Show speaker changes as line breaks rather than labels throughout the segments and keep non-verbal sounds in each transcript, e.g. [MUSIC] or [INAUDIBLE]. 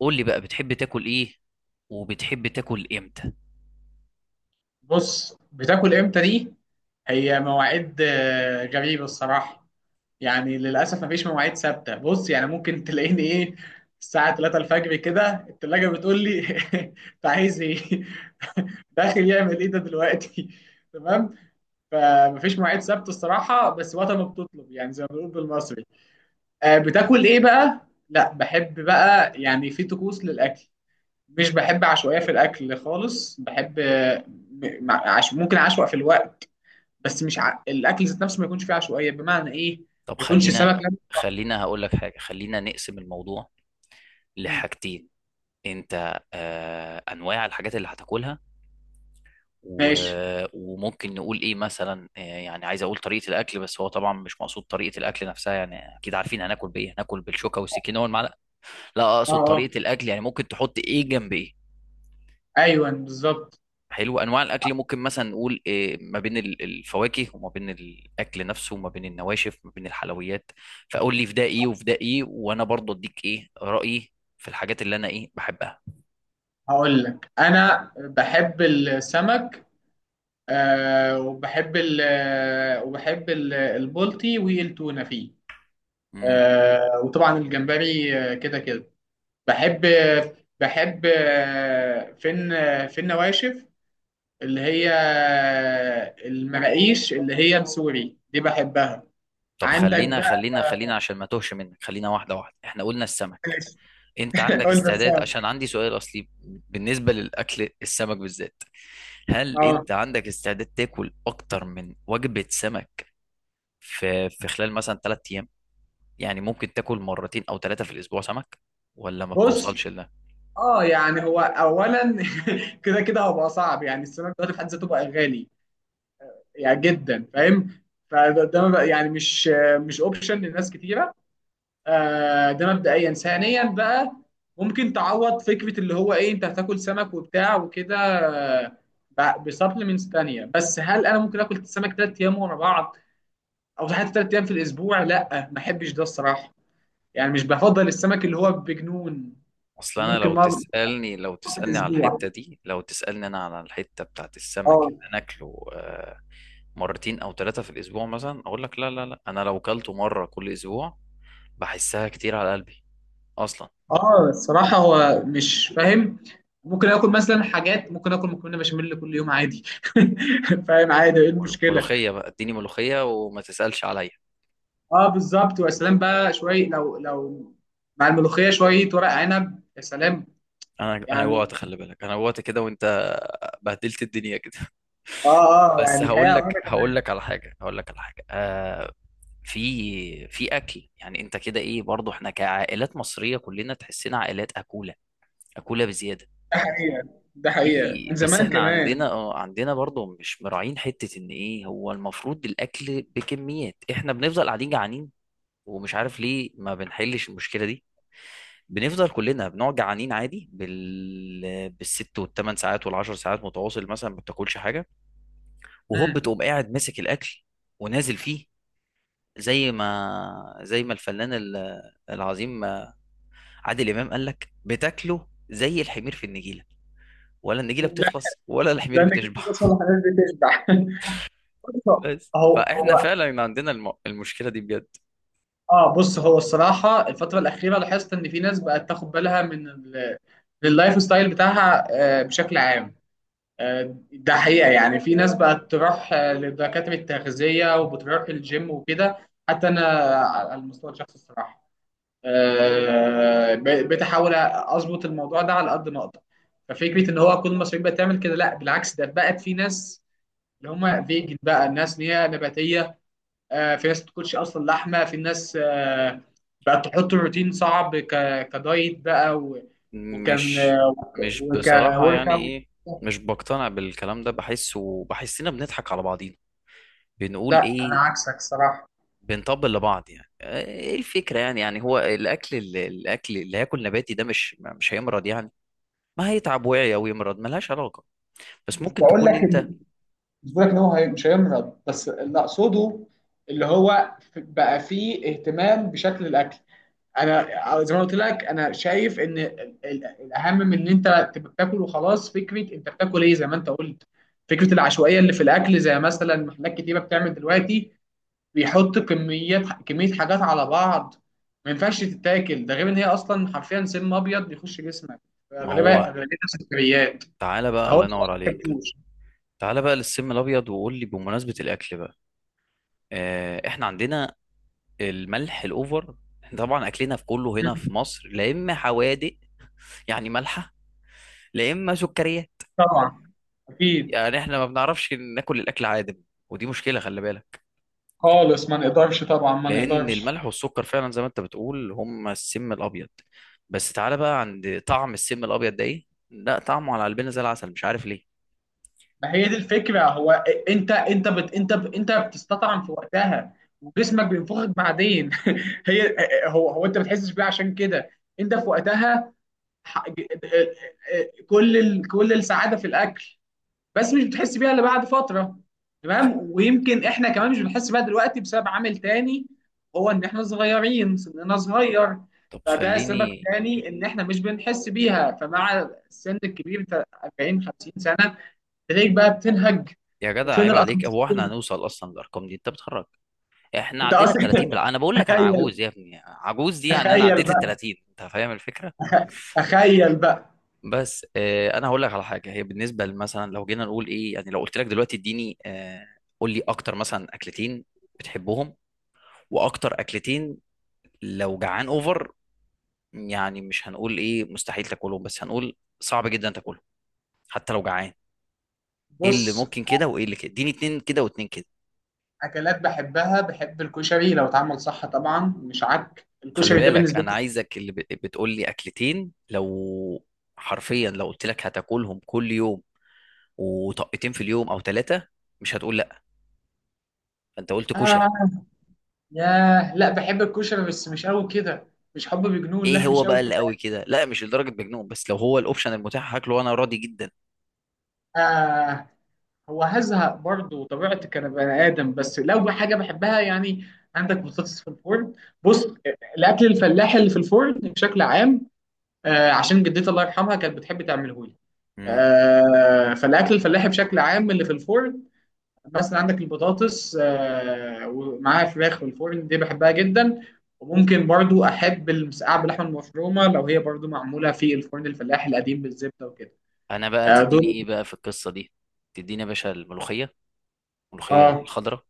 قول لي بقى بتحب تاكل ايه وبتحب تاكل امتى.
بص، بتاكل امتى دي؟ هي مواعيد غريبه الصراحه. يعني للاسف مفيش مواعيد ثابته. بص يعني ممكن تلاقيني ايه الساعه 3 الفجر كده، التلاجة بتقول لي [LAUGHS] انت عايز ايه؟ [LAUGHS] داخل يعمل ايه ده دلوقتي؟ [LAUGHS] تمام. فمفيش مواعيد ثابته الصراحه، بس وقت ما بتطلب يعني زي ما بنقول بالمصري. بتاكل ايه بقى؟ لا بحب بقى يعني في طقوس للاكل، مش بحب عشوائية في الأكل خالص. بحب ممكن أعشوائي في الوقت، بس مش الأكل ذات نفسه ما يكونش فيه عشوائية. بمعنى إيه؟
طب
ما يكونش
خلينا
سمك.
خلينا هقول لك حاجة خلينا نقسم الموضوع
مم،
لحاجتين. انت انواع الحاجات اللي هتاكلها و...
ماشي.
وممكن نقول ايه مثلا يعني عايز اقول طريقة الاكل، بس هو طبعا مش مقصود طريقة الاكل نفسها، يعني اكيد عارفين هناكل بايه، هناكل بالشوكة والسكينة والمعلقة. لا
أه
اقصد
أه
طريقة الاكل يعني ممكن تحط ايه جنب ايه.
أيوه بالظبط.
حلو، انواع الاكل ممكن مثلا نقول إيه ما بين الفواكه وما بين الاكل نفسه وما بين النواشف وما بين الحلويات. فقول لي في ده ايه وفي ده ايه، وانا برضه اديك رايي في الحاجات اللي انا بحبها.
هقول لك أنا بحب السمك. آه وبحب ال وبحب البلطي والتونة فيه.
امم.
آه وطبعا الجمبري، كده كده بحب بحب فين فين نواشف، اللي هي المراقيش اللي هي السوري دي بحبها.
طب
عندك
خلينا
بقى.
خلينا خلينا عشان ما توهش منك، خلينا واحده واحده. احنا قلنا السمك، انت
[LAUGHS]
عندك
قلنا
استعداد؟
سوا.
عشان عندي سؤال اصلي. بالنسبه للاكل السمك بالذات، هل
اه
انت عندك استعداد تاكل اكتر من وجبه سمك في خلال مثلا 3 ايام؟ يعني ممكن تاكل مرتين او ثلاثة في الاسبوع سمك، ولا ما بتوصلش
بص،
لده؟
اه يعني هو اولا [LAUGHS] كده كده هبقى صعب. يعني السمك دلوقتي في حد ذاته بقى غالي يعني جدا، فاهم؟ فده ده ما بقى- يعني مش اوبشن لناس كتيره. آه ده مبدئيا. ثانيا بقى، ممكن تعوض فكره اللي هو ايه، انت هتاكل سمك وبتاع وكده بسبلمنتس تانية. بس هل انا ممكن اكل سمك ثلاث ايام ورا بعض او حتى ثلاث ايام في الاسبوع؟ لا ما احبش ده الصراحه. يعني مش بفضل السمك اللي هو بجنون.
اصل انا
ممكن
لو
مره
تسألني لو
في
تسألني على الحتة
الاسبوع.
دي، لو تسألني انا على الحتة بتاعت السمك اللي
اه
انا اكله مرتين او ثلاثة في الاسبوع، مثلا اقول لك لا، انا لو كلته مرة كل اسبوع بحسها كتير على قلبي اصلا.
اه، الصراحه هو مش فاهم. ممكن اكل مثلا حاجات، ممكن اكل مكرونه بشاميل كل يوم عادي. [LAUGHS] فاهم؟ عادي، ايه المشكله؟
ملوخية بقى، اديني ملوخية وما تسألش عليا.
اه بالظبط. ويا سلام بقى شويه، لو مع الملوخيه شويه ورق عنب، يا سلام.
انا
يعني،
جوعت، خلي بالك انا جوعت كده، وانت بهدلت الدنيا كده.
اه.
[LAUGHS]
اه
بس
يعني الحقيقه
هقول لك على حاجه، في اكل يعني انت كده ايه، برضو احنا كعائلات مصريه كلنا تحسنا عائلات اكوله، اكوله بزياده.
ده حقيقه. ده حقيقه
في
من
بس
زمان
احنا عندنا
كمان.
عندنا برضو مش مراعين حته ان ايه، هو المفروض الاكل بكميات، احنا بنفضل قاعدين جعانين ومش عارف ليه ما بنحلش المشكله دي. بنفضل كلنا بنقعد جعانين عادي بالست والثمان ساعات والعشر ساعات متواصل، مثلا ما بتاكلش حاجه وهوب
مم.
تقوم قاعد ماسك الاكل ونازل فيه. زي ما الفنان العظيم عادل امام قال لك، بتاكله زي الحمير في النجيله، ولا النجيله
لا،
بتخلص ولا الحمير
لان
بتشبع.
كنت بصل الحاجات بتشبع. [LAUGHS]
[LAUGHS]
بص،
بس
هو
فاحنا
هو
فعلا عندنا المشكله دي بجد.
اه. بص هو الصراحه الفتره الاخيره لاحظت ان في ناس بقت تاخد بالها من من اللايف ستايل بتاعها بشكل عام. ده حقيقه. يعني في ناس بقت تروح لدكاتره التغذيه، وبتروح الجيم وكده. حتى انا على المستوى الشخصي الصراحه بتحاول اظبط الموضوع ده على قد ما اقدر. ففكره ان هو كل المصريين بتعمل كده لا، بالعكس ده بقت في ناس اللي هم فيجن بقى، الناس اللي هي نباتيه. في ناس بتاكلش اصلا لحمه، في ناس بقت تحط روتين صعب، كدايت بقى و- وكان
مش
آه، وك
مش بصراحه
ورك
يعني
اوت.
ايه، مش بقتنع بالكلام ده، بحس وبحسنا بنضحك على بعضينا، بنقول
لا انا
ايه،
عكسك صراحه.
بنطبل لبعض. يعني ايه الفكره؟ يعني يعني هو الاكل اللي هياكل نباتي ده مش هيمرض يعني؟ ما هيتعب وعي او يمرض ملهاش علاقه، بس
مش
ممكن
بقول لك
تكون
إن-
انت.
مش بقول لك ان مش هيمرض، بس اللي اقصده اللي هو بقى فيه اهتمام بشكل الاكل. انا زي ما قلت لك، انا شايف ان الاهم من ان انت تبقى بتاكل وخلاص، فكره انت بتاكل ايه زي ما انت قلت. فكره العشوائيه اللي في الاكل، زي مثلا محلات كتيره بتعمل دلوقتي، بيحط كميات، كمية حاجات على بعض ما ينفعش تتاكل. ده غير ان هي اصلا حرفيا سم ابيض بيخش جسمك،
ما
اغلبها
هو
اغلبيتها سكريات.
تعالى بقى،
فهو
الله
ده،
ينور
ما
عليك.
تاكلوش.
تعالى بقى للسم الابيض، وقول لي بمناسبه الاكل بقى، احنا عندنا الملح الاوفر. احنا طبعا اكلنا في كله هنا في مصر، لا اما حوادق يعني مالحه، لا اما سكريه،
طبعا اكيد
يعني احنا ما بنعرفش ناكل الاكل عادم. ودي مشكله خلي بالك،
خالص. ما نقدرش، طبعا ما
لان
نقدرش.
الملح والسكر فعلا زي ما انت بتقول هم السم الابيض. بس تعالى بقى عند طعم السم الابيض ده ايه، لا طعمه على قلبنا زي العسل، مش عارف ليه.
ما هي دي الفكرة. هو انت انت بتستطعم في وقتها، وجسمك بينفخك بعدين. [LAUGHS] هي، هو انت ما بتحسش بيه، عشان كده انت في وقتها ح- ج- كل كل السعادة في الاكل، بس مش بتحس بيها الا بعد فتره. تمام. ويمكن احنا كمان مش بنحس بيها دلوقتي بسبب عامل تاني، هو ان احنا صغيرين، سننا صغير.
طب
فده سبب
خليني.
تاني ان احنا مش بنحس بيها. فمع السن الكبير بتاع 40 50 سنه، تلاقيك بقى بتنهج
يا جدع
وفين
عيب عليك، هو احنا
الاسانسير.
هنوصل اصلا للارقام دي؟ انت بتهرج. احنا
انت
عدينا ال
اصلا،
30
[LAUGHS]
انا بقول لك انا عجوز
تخيل.
يا ابني، عجوز دي يعني، انا
تخيل
عديت ال
بقى.
30، انت فاهم الفكره.
تخيل بقى.
بس اه انا هقول لك على حاجه، هي بالنسبه مثلا لو جينا نقول ايه، يعني لو قلت لك دلوقتي اديني قول لي اكتر مثلا اكلتين بتحبهم، واكتر اكلتين لو جعان اوفر، يعني مش هنقول ايه مستحيل تاكلهم، بس هنقول صعب جدا تاكلهم حتى لو جعان. ايه اللي
بص،
ممكن كده وايه اللي كده، اديني اتنين كده واتنين كده.
اكلات بحبها، بحب الكشري لو اتعمل صح طبعا. مش عك
خلي
الكشري ده
بالك
بالنسبه
انا
لي.
عايزك اللي بتقول لي اكلتين لو حرفيا لو قلت لك هتاكلهم كل يوم وطقتين في اليوم او ثلاثه مش هتقول لا. فانت قلت كشري.
آه، ياه لا، بحب الكشري بس مش قوي كده. مش حب بجنون،
ايه
لا
هو
مش
بقى
قوي
اللي
كده.
قوي كده؟ لا مش لدرجه مجنون، بس لو هو الاوبشن المتاح هاكله وانا راضي جدا.
آه. هو هزهق برضه، طبيعتي كان بني ادم. بس لو حاجه بحبها يعني، عندك بطاطس في الفرن. بص، الاكل الفلاحي اللي في الفرن بشكل عام، آه عشان جدتي الله يرحمها كانت بتحب تعمله لي.
امم.
فالاكل الفلاحي بشكل عام اللي في الفرن، مثلا عندك البطاطس ومعاها فراخ في الفرن، دي بحبها جدا. وممكن برضو احب المسقعه باللحمه المفرومه، لو هي برضو معموله في الفرن الفلاحي القديم بالزبده وكده.
انا بقى تديني
دول.
ايه بقى في القصه دي؟ تديني يا باشا الملوخيه، الملوخيه
اه
الخضراء.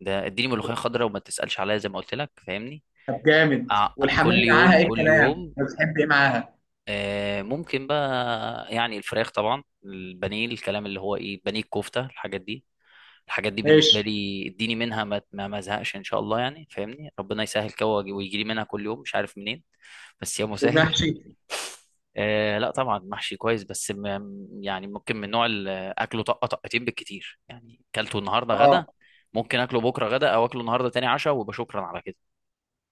ده اديني ملوخيه خضراء وما تسالش عليها، زي ما قلت لك فاهمني.
طب جامد، والحمام
كل
معاها،
يوم
ايه
كل
الكلام،
يوم
بتحب ايه معاها؟
ممكن بقى يعني الفراخ طبعا، البانيه، الكلام اللي هو ايه، بانيه، الكفته، الحاجات دي. الحاجات دي بالنسبه
ماشي.
لي اديني منها ما ازهقش ان شاء الله، يعني فاهمني، ربنا يسهل كده ويجي لي منها كل يوم مش عارف منين، بس يا مسهل.
والمحشي.
[LAUGHS] لا طبعا محشي كويس، بس يعني ممكن من نوع اكله طقه طقتين بالكتير، يعني اكلته النهارده غدا
اه
ممكن اكله بكره غدا، او اكله النهارده تاني عشاء وبشكرا على كده.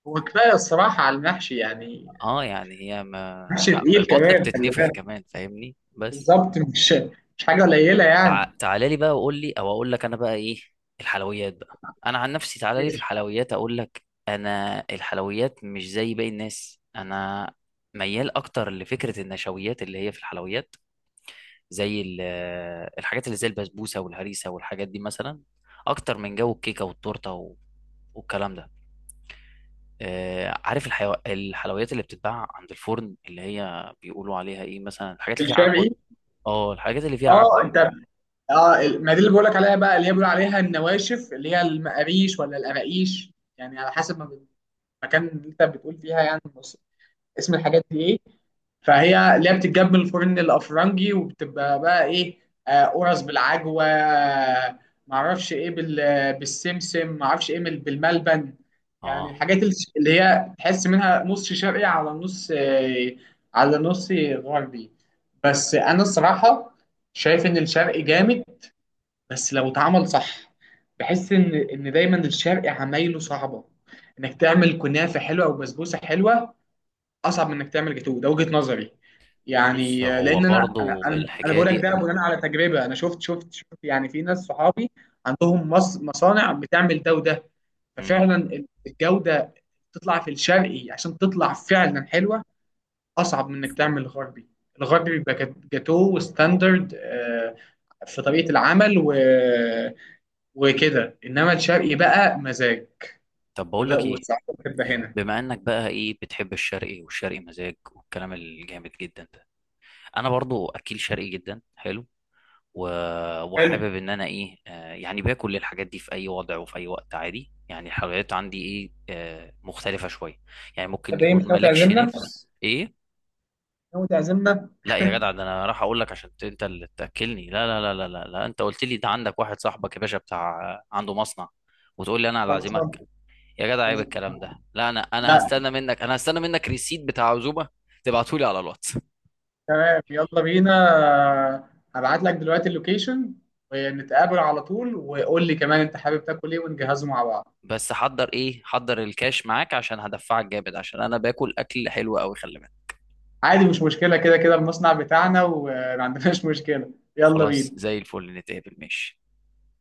هو كفايه الصراحه على المحشي يعني.
اه يعني هي ما
محشي
لا
تقيل
البطن
كمان خلي
بتتنفخ
بالك.
كمان فاهمني بس.
بالظبط، مش حاجه قليله يعني.
تعالى لي بقى وقول لي، او اقول لك انا بقى ايه، الحلويات بقى. انا عن نفسي تعالى لي في
ماشي.
الحلويات اقول لك، انا الحلويات مش زي باقي الناس، انا ميال اكتر لفكره النشويات اللي هي في الحلويات، زي الحاجات اللي زي البسبوسه والهريسه والحاجات دي مثلا، اكتر من جو الكيكه والتورته و... والكلام ده. عارف الحلويات اللي بتتباع عند الفرن اللي هي بيقولوا عليها ايه، مثلا الحاجات اللي فيها عجوه.
الشرقي.
اه الحاجات اللي فيها
اه
عجوه.
انت. اه ما دي اللي بقولك عليها بقى، اللي هي بيقولوا عليها النواشف، اللي هي المقاريش ولا القراقيش يعني، على حسب ما المكان اللي انت بتقول فيها. يعني بص، اسم الحاجات دي ايه، فهي اللي هي بتتجاب من الفرن الافرنجي وبتبقى بقى ايه، قرص بالعجوه، معرفش ايه بالسمسم، معرفش ايه بالملبن. يعني
اه
الحاجات اللي هي تحس منها نص شرقي على نص على نص غربي. بس انا الصراحه شايف ان الشرقي جامد بس لو اتعمل صح. بحس ان دايما الشرق عمايله صعبه، انك تعمل كنافه حلوه او بسبوسه حلوه اصعب من انك تعمل جاتوه. ده وجهه نظري
بص
يعني،
هو
لان انا انا
برضو
انا, أنا
الحكايه
بقول لك
دي
ده بناء على تجربه. انا شفت يعني في ناس صحابي عندهم مصانع بتعمل ده وده.
مم.
ففعلا الجوده تطلع في الشرقي، عشان تطلع فعلا حلوه اصعب من انك تعمل غربي. الغربي بيبقى جاتوه وستاندرد في طريقه العمل وكده، انما الشرقي بقى مزاج،
طب بقول
وده
لك ايه،
والساعات بتبقى هنا.
بما انك بقى ايه بتحب الشرقي، والشرقي مزاج والكلام الجامد جدا ده، انا برضو اكيل شرقي جدا حلو و...
حلو.
وحابب ان انا ايه، يعني باكل الحاجات دي في اي وضع وفي اي وقت عادي، يعني الحلويات عندي ايه مختلفه شويه، يعني ممكن
طب ايه، مش
يكون
ناوي
مالكش
تعزمنا؟
نفس ايه.
ناوي تعزمنا؟
لا يا جدع، ده انا راح اقول لك عشان انت اللي تاكلني؟ لا. انت قلت لي ده عندك واحد صاحبك يا باشا بتاع، عنده مصنع، وتقول لي انا اللي
خلصان.
اعزمك؟ يا جدع عيب
خلصان.
الكلام ده. لا انا
لا.
هستنى منك، انا هستنى منك ريسيت بتاع عزومه، تبعتهولي على الواتس.
تمام، يلا بينا. هبعت لك دلوقتي اللوكيشن ونتقابل على طول. وقول لي كمان انت حابب تاكل ايه ونجهزه مع بعض.
بس حضر ايه، حضر الكاش معاك عشان هدفعك جامد، عشان انا باكل اكل حلو قوي خلي بالك.
عادي مش مشكلة، كده كده المصنع بتاعنا وما عندناش مشكلة. يلا
خلاص
بينا.
زي الفل، نتقابل ماشي.